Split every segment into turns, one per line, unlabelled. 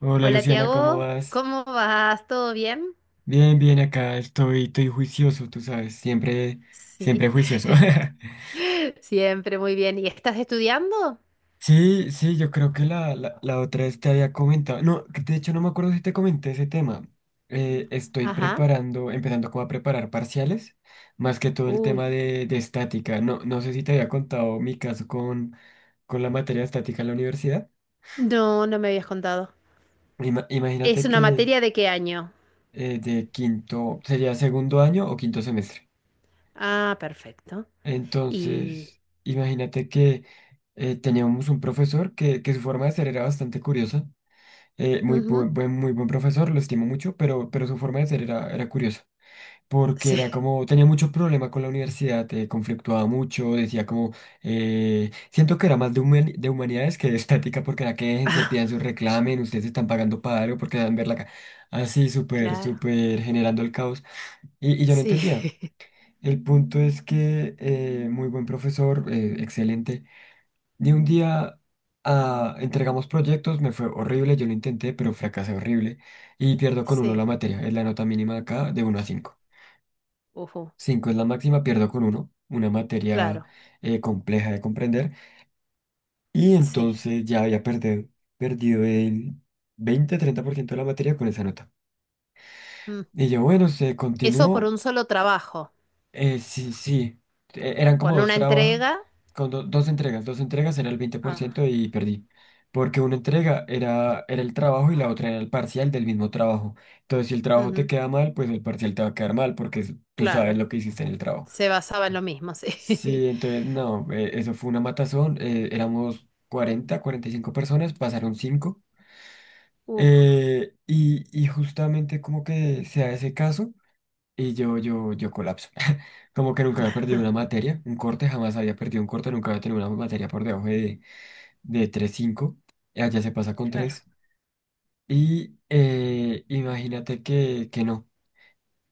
Hola
Hola
Luciana, ¿cómo
Tiago,
vas?
¿cómo vas? ¿Todo bien?
Bien, bien, acá estoy, estoy juicioso, tú sabes, siempre, siempre
Sí,
juicioso.
siempre muy bien. ¿Y estás estudiando?
Sí, sí, yo creo que la otra vez te había comentado, no, que de hecho no me acuerdo si te comenté ese tema. Estoy
Ajá.
preparando, empezando como a preparar parciales, más que todo el
Uy,
tema de estática. No, no sé si te había contado mi caso con la materia de estática en la universidad.
no, no me habías contado.
Ima-
¿Es
imagínate
una
que
materia de qué año?
de quinto, sería segundo año o quinto semestre.
Ah, perfecto. Y...
Entonces, imagínate que teníamos un profesor que su forma de ser era bastante curiosa. Eh, muy, bu-
ujú.
buen, muy buen profesor, lo estimo mucho, pero su forma de ser era curiosa. Porque
Sí.
era como, tenía mucho problema con la universidad, conflictuaba mucho, decía como, siento que era más de humanidades que de estática, porque era que déjense,
Ah,
pidan su reclamen, ustedes están pagando para algo, porque dan verla acá. Así, súper,
claro.
súper generando el caos. Y yo no
Sí,
entendía. El punto es que muy buen profesor, excelente. De un día entregamos proyectos, me fue horrible, yo lo intenté, pero fracasé horrible y pierdo con uno la
sí.
materia. Es la nota mínima acá, de uno a cinco.
Ujú.
Cinco es la máxima. Pierdo con uno una materia
Claro,
compleja de comprender, y
sí.
entonces ya había perdido el 20, 30% de la materia con esa nota.
Mm.
Y yo, bueno, se
¿Eso por
continuó.
un solo trabajo,
Sí, sí. Eran como
con
dos
una
trabajos,
entrega?
con dos entregas. Dos entregas era el veinte por
Ah,
ciento y perdí. Porque una entrega era el trabajo, y la otra era el parcial del mismo trabajo. Entonces, si el trabajo te
ujú.
queda mal, pues el parcial te va a quedar mal porque tú sabes
Claro,
lo que hiciste en el trabajo.
se basaba en lo mismo, sí.
Sí, entonces, no, eso fue una matazón. Éramos 40, 45 personas, pasaron cinco.
Uf,
Y justamente como que se da ese caso. Y yo colapso. Como que nunca había perdido una materia, un corte, jamás había perdido un corte, nunca había tenido una materia por debajo de 3.5. Y allá se pasa con
claro.
tres. Y imagínate que no,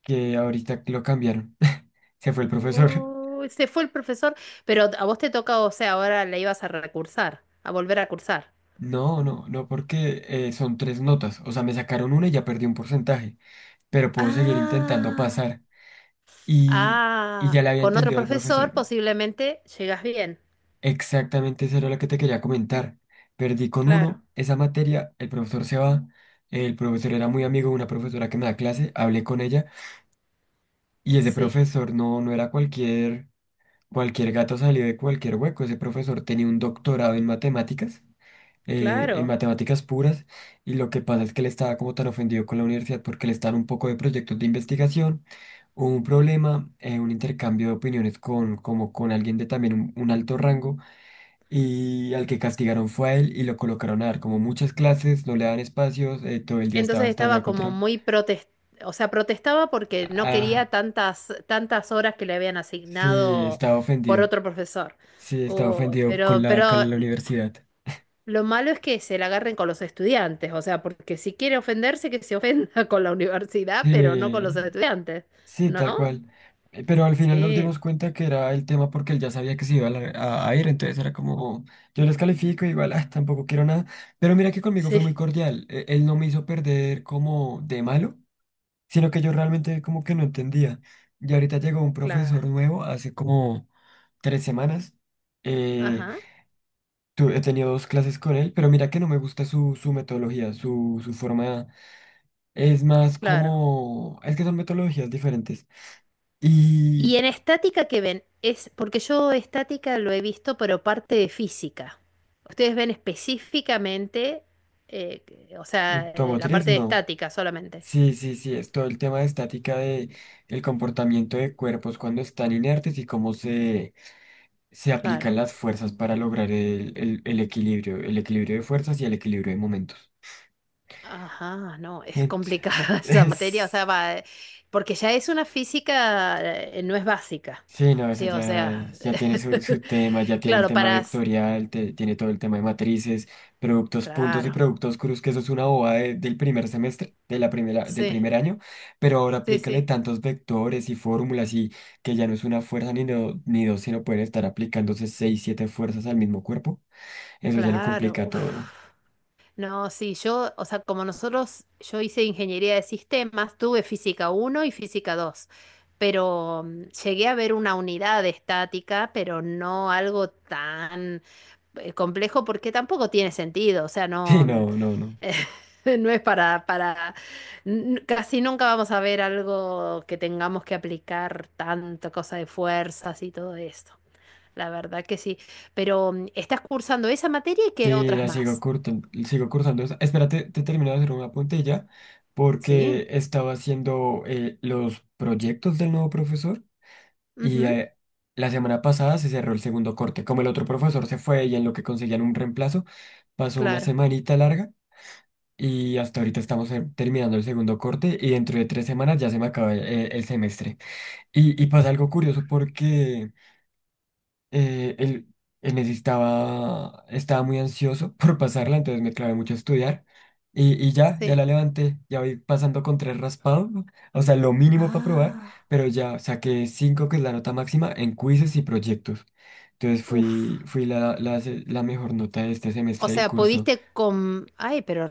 que ahorita lo cambiaron. Se fue el profesor.
Uy, se fue el profesor, pero a vos te toca, o sea, ahora la ibas a recursar, a volver a cursar.
No, no, no, porque son tres notas. O sea, me sacaron una y ya perdí un porcentaje. Pero puedo seguir intentando
Ah,
pasar. Y, y
ah,
ya le había
con otro
entendido al
profesor
profesor.
posiblemente llegas bien.
Exactamente, eso era lo que te quería comentar. Perdí con
Claro,
uno esa materia, el profesor se va, el profesor era muy amigo de una profesora que me da clase, hablé con ella, y ese
sí,
profesor no era cualquier gato salido de cualquier hueco. Ese profesor tenía un doctorado en matemáticas, en
claro.
matemáticas puras, y lo que pasa es que él estaba como tan ofendido con la universidad porque le estaban un poco de proyectos de investigación. Hubo un problema, un intercambio de opiniones como con alguien de también un alto rango. Y al que castigaron fue a él, y lo colocaron a dar como muchas clases, no le daban espacios, todo el día estaba
Entonces
estallado
estaba como
contra...
muy protest, o sea, protestaba porque no quería
Ah,
tantas, tantas horas que le habían
sí,
asignado
estaba
por
ofendido.
otro profesor.
Sí, estaba
Uy,
ofendido con la,
pero
con la universidad.
lo malo es que se la agarren con los estudiantes, o sea, porque si quiere ofenderse, que se ofenda con la universidad, pero no con los
Sí,
estudiantes,
sí,
¿no?
tal cual. Pero al final nos
Sí,
dimos cuenta que era el tema porque él ya sabía que se iba a ir, entonces era como, yo les califico, igual, ah, tampoco quiero nada. Pero mira que conmigo fue muy
sí,
cordial. Él no me hizo perder como de malo, sino que yo realmente como que no entendía. Y ahorita llegó un
claro.
profesor nuevo hace como 3 semanas. Eh,
Ajá,
He tenido dos clases con él, pero mira que no me gusta su metodología, su forma. Es más
claro.
como... Es que son metodologías diferentes.
Y
Y
en estática, que ven? Es porque yo estática lo he visto, pero parte de física. Ustedes ven específicamente, eh, o sea, la
automotriz,
parte de
no.
estática solamente.
Sí, sí, sí, es todo el tema de estática, de el comportamiento de cuerpos cuando están inertes y cómo se aplican
Claro.
las fuerzas para lograr el equilibrio, el equilibrio de fuerzas y el equilibrio de momentos.
Ajá, no, es
Ent-
complicada esa materia, o
es-
sea, va, porque ya es una física, no es básica,
sí, no, eso
sí, o
ya,
sea,
ya tiene su tema, ya tiene el
claro,
tema
para, s-
vectorial, tiene todo el tema de matrices, productos puntos y
claro,
productos cruz, que eso es una bobada del primer semestre, de la primera, del
sí,
primer año, pero ahora
sí,
aplícale
sí,
tantos vectores y fórmulas, y que ya no es una fuerza ni dos, sino pueden estar aplicándose seis, siete fuerzas al mismo cuerpo. Eso ya lo
claro,
complica todo.
uf. No, sí, yo, o sea, como nosotros, yo hice ingeniería de sistemas, tuve física uno y física 2, pero mm, llegué a ver una unidad de estática, pero no algo tan complejo porque tampoco tiene sentido, o sea,
Sí,
no... mm.
no, no, no.
No es para, n- casi nunca vamos a ver algo que tengamos que aplicar tanto, cosa de fuerzas y todo esto. La verdad que sí. Pero mm, estás cursando esa materia y qué
Sí,
otras más.
sigo cursando. Espérate, te termino de hacer una puntilla
Sí.
porque estaba haciendo los proyectos del nuevo profesor, y
Ujú,
la semana pasada se cerró el segundo corte. Como el otro profesor se fue y en lo que conseguían un reemplazo, pasó una
claro.
semanita larga, y hasta ahorita estamos terminando el segundo corte, y dentro de 3 semanas ya se me acaba el semestre. Y pasa algo
Uf,
curioso porque eh, él, él necesitaba, estaba muy ansioso por pasarla, entonces me clavé mucho a estudiar. Y ya
sí.
la levanté, ya voy pasando con tres raspados, ¿no? O sea, lo mínimo para probar,
Ah,
pero ya saqué cinco, que es la nota máxima, en quizzes y proyectos. Entonces fui,
uf.
fui la, la, se- la mejor nota de este
O
semestre del
sea,
curso.
pudiste con... Ay, pero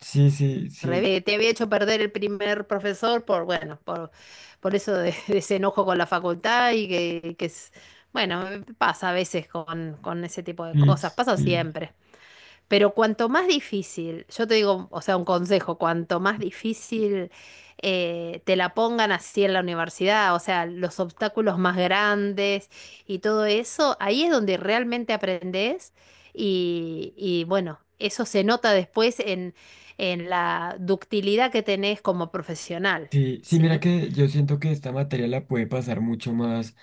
Sí, sí, sí,
revés, te había hecho perder el primer profesor por, bueno, por eso de, de ese enojo con la facultad y que es, bueno, pasa a veces con ese tipo de
sí,
cosas, pasa
sí.
siempre. Pero cuanto más difícil, yo te digo, o sea, un consejo, cuanto más difícil te la pongan así en la universidad, o sea, los obstáculos más grandes y todo eso, ahí es donde realmente aprendes y bueno, eso se nota después en la ductilidad que tenés como profesional,
Sí, sí, mira
¿sí?
que yo siento que esta materia la puede pasar mucho más,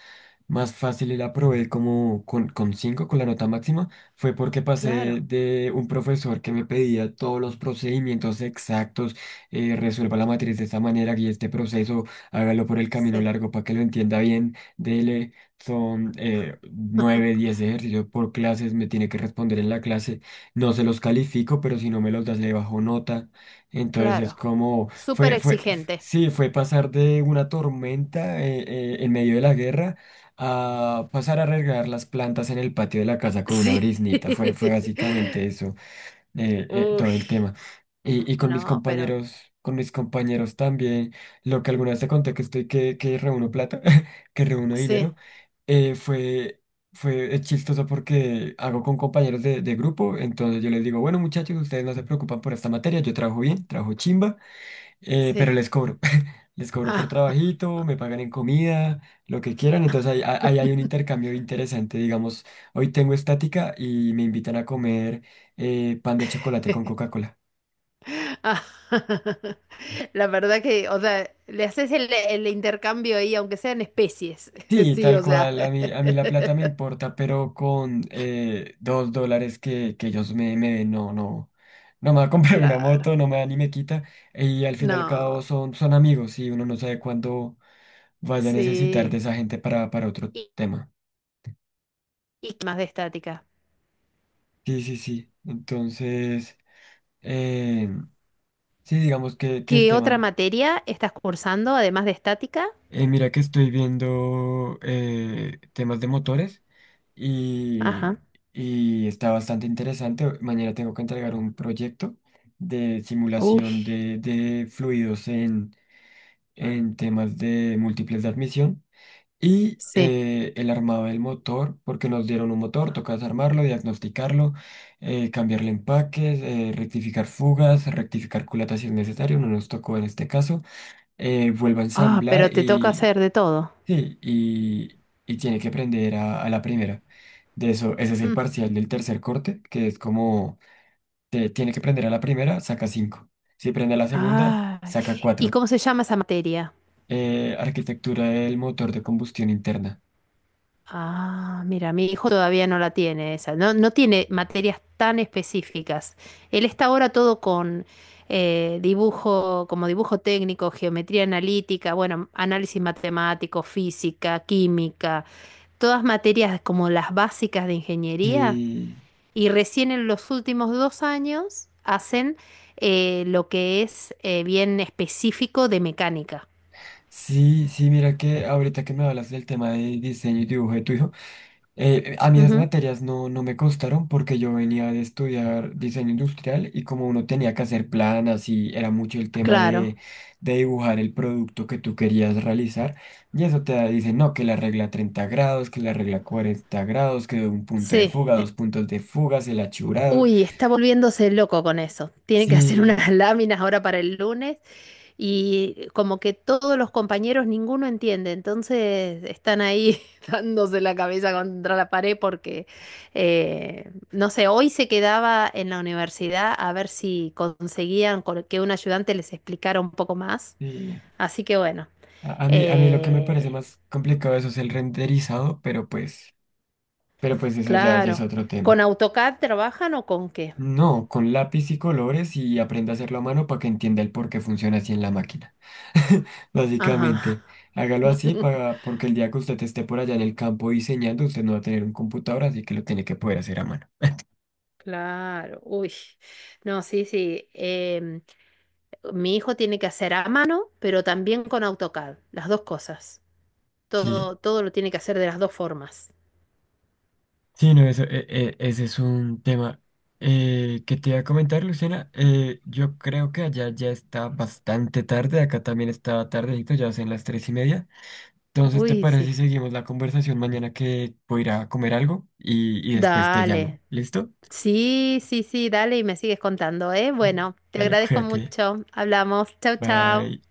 más fácil, y la probé como con 5, con la nota máxima. Fue porque pasé
Claro,
de un profesor que me pedía todos los procedimientos exactos, resuelva la matriz de esta manera, guíe este proceso, hágalo por el camino
sí,
largo para que lo entienda bien. Dele, son 9, 10 ejercicios por clases, me tiene que responder en la clase. No se los califico, pero si no me los das, le bajo nota. Entonces es
claro.
como...
Súper exigente.
Sí, fue pasar de una tormenta en medio de la guerra, a pasar a regar las plantas en el patio de la casa con una
Sí.
briznita. Fue básicamente eso,
Uy,
todo el tema. Y
no, pero
con mis compañeros también, lo que alguna vez te conté que reúno plata, que reúno
sí.
dinero, fue, fue chistoso porque hago con compañeros de grupo. Entonces yo les digo, bueno muchachos, ustedes no se preocupan por esta materia, yo trabajo bien, trabajo chimba. Eh,
Sí.
pero les cobro, les cobro por
Ah.
trabajito, me pagan en comida, lo que quieran. Entonces ahí hay un intercambio interesante, digamos, hoy tengo estática y me invitan a comer pan de chocolate con Coca-Cola.
Ah. La verdad que, o sea, le haces el intercambio ahí, aunque sean especies.
Sí,
Sí,
tal
o sea,
cual, a mí la plata me importa, pero con $2 que ellos me den, no, no, no me va a comprar una
claro.
moto, no me da ni me quita, y al fin y al
No,
cabo son amigos, y uno no sabe cuándo vaya a necesitar de
sí.
esa gente para otro
¿Y,
tema.
y qué más de estática?
Sí, sí, sí. Entonces, eh, sí, digamos que el
¿Qué otra
tema.
materia estás cursando además de estática?
Mira que estoy viendo temas de motores, y,
Ajá.
y está bastante interesante. Mañana tengo que entregar un proyecto de
Uy,
simulación de fluidos en temas de múltiples de admisión. Y
sí.
él armaba el motor, porque nos dieron un motor, tocas armarlo, diagnosticarlo, cambiarle empaques, rectificar fugas, rectificar culatas si es necesario, no nos tocó en este caso. Vuelve a
Ah,
ensamblar,
pero te toca
y
hacer de todo.
sí, y tiene que aprender a la primera. De eso, ese es el
Mm.
parcial del tercer corte, que es como, tiene que prender a la primera, saca cinco. Si prende a la segunda,
Ah.
saca
¿Y
cuatro.
cómo se llama esa materia?
Arquitectura del motor de combustión interna.
Ah, mira, mi hijo todavía no la tiene esa, no, no tiene materias tan específicas. Él está ahora todo con dibujo, como dibujo técnico, geometría analítica, bueno, análisis matemático, física, química, todas materias como las básicas de ingeniería.
Sí.
Y recién en los últimos dos años hacen lo que es bien específico de mecánica.
Sí, sí, mira que ahorita que me hablas del tema de diseño y dibujo de tu hijo. A mí esas
Ujú.
materias no me costaron porque yo venía de estudiar diseño industrial, y como uno tenía que hacer planas y era mucho el tema
Claro,
de dibujar el producto que tú querías realizar, y eso te dice, no, que la regla 30 grados, que la regla 40 grados, que un punto de
sí.
fuga, dos puntos de fuga, el achurado.
Uy, está volviéndose loco con eso. Tiene que hacer
Sí,
unas láminas ahora para el lunes y como que todos los compañeros, ninguno entiende. Entonces están ahí dándose la cabeza contra la pared porque, no sé, hoy se quedaba en la universidad a ver si conseguían con- que un ayudante les explicara un poco más.
sí.
Así que bueno,
A mí lo que me parece
eh,
más complicado de eso es el renderizado, pero pues... Pero pues eso ya es
claro.
otro
¿Con
tema.
AutoCAD trabajan o con qué?
No, con lápiz y colores, y aprenda a hacerlo a mano para que entienda el por qué funciona así en la máquina.
Ajá.
Básicamente, hágalo así para, porque el día que usted esté por allá en el campo diseñando, usted no va a tener un computador, así que lo tiene que poder hacer a mano.
Claro, uy, no, sí, sí. Mi hijo tiene que hacer a mano, pero también con AutoCAD, las dos cosas.
Sí,
Todo, todo lo tiene que hacer de las dos formas.
sí, no, eso, ese es un tema que te iba a comentar, Luciana. Yo creo que allá ya está bastante tarde, acá también está tardecito, ya son las 3:30. Entonces, ¿te
Uy,
parece
sí.
si seguimos la conversación mañana, que voy a ir a comer algo, y después te llamo?
Dale.
¿Listo?
Sí, sí, sí, dale y me sigues contando, ¿eh? Bueno, te
Dale,
agradezco
cuídate.
mucho. Hablamos. Chau, chau.
Bye.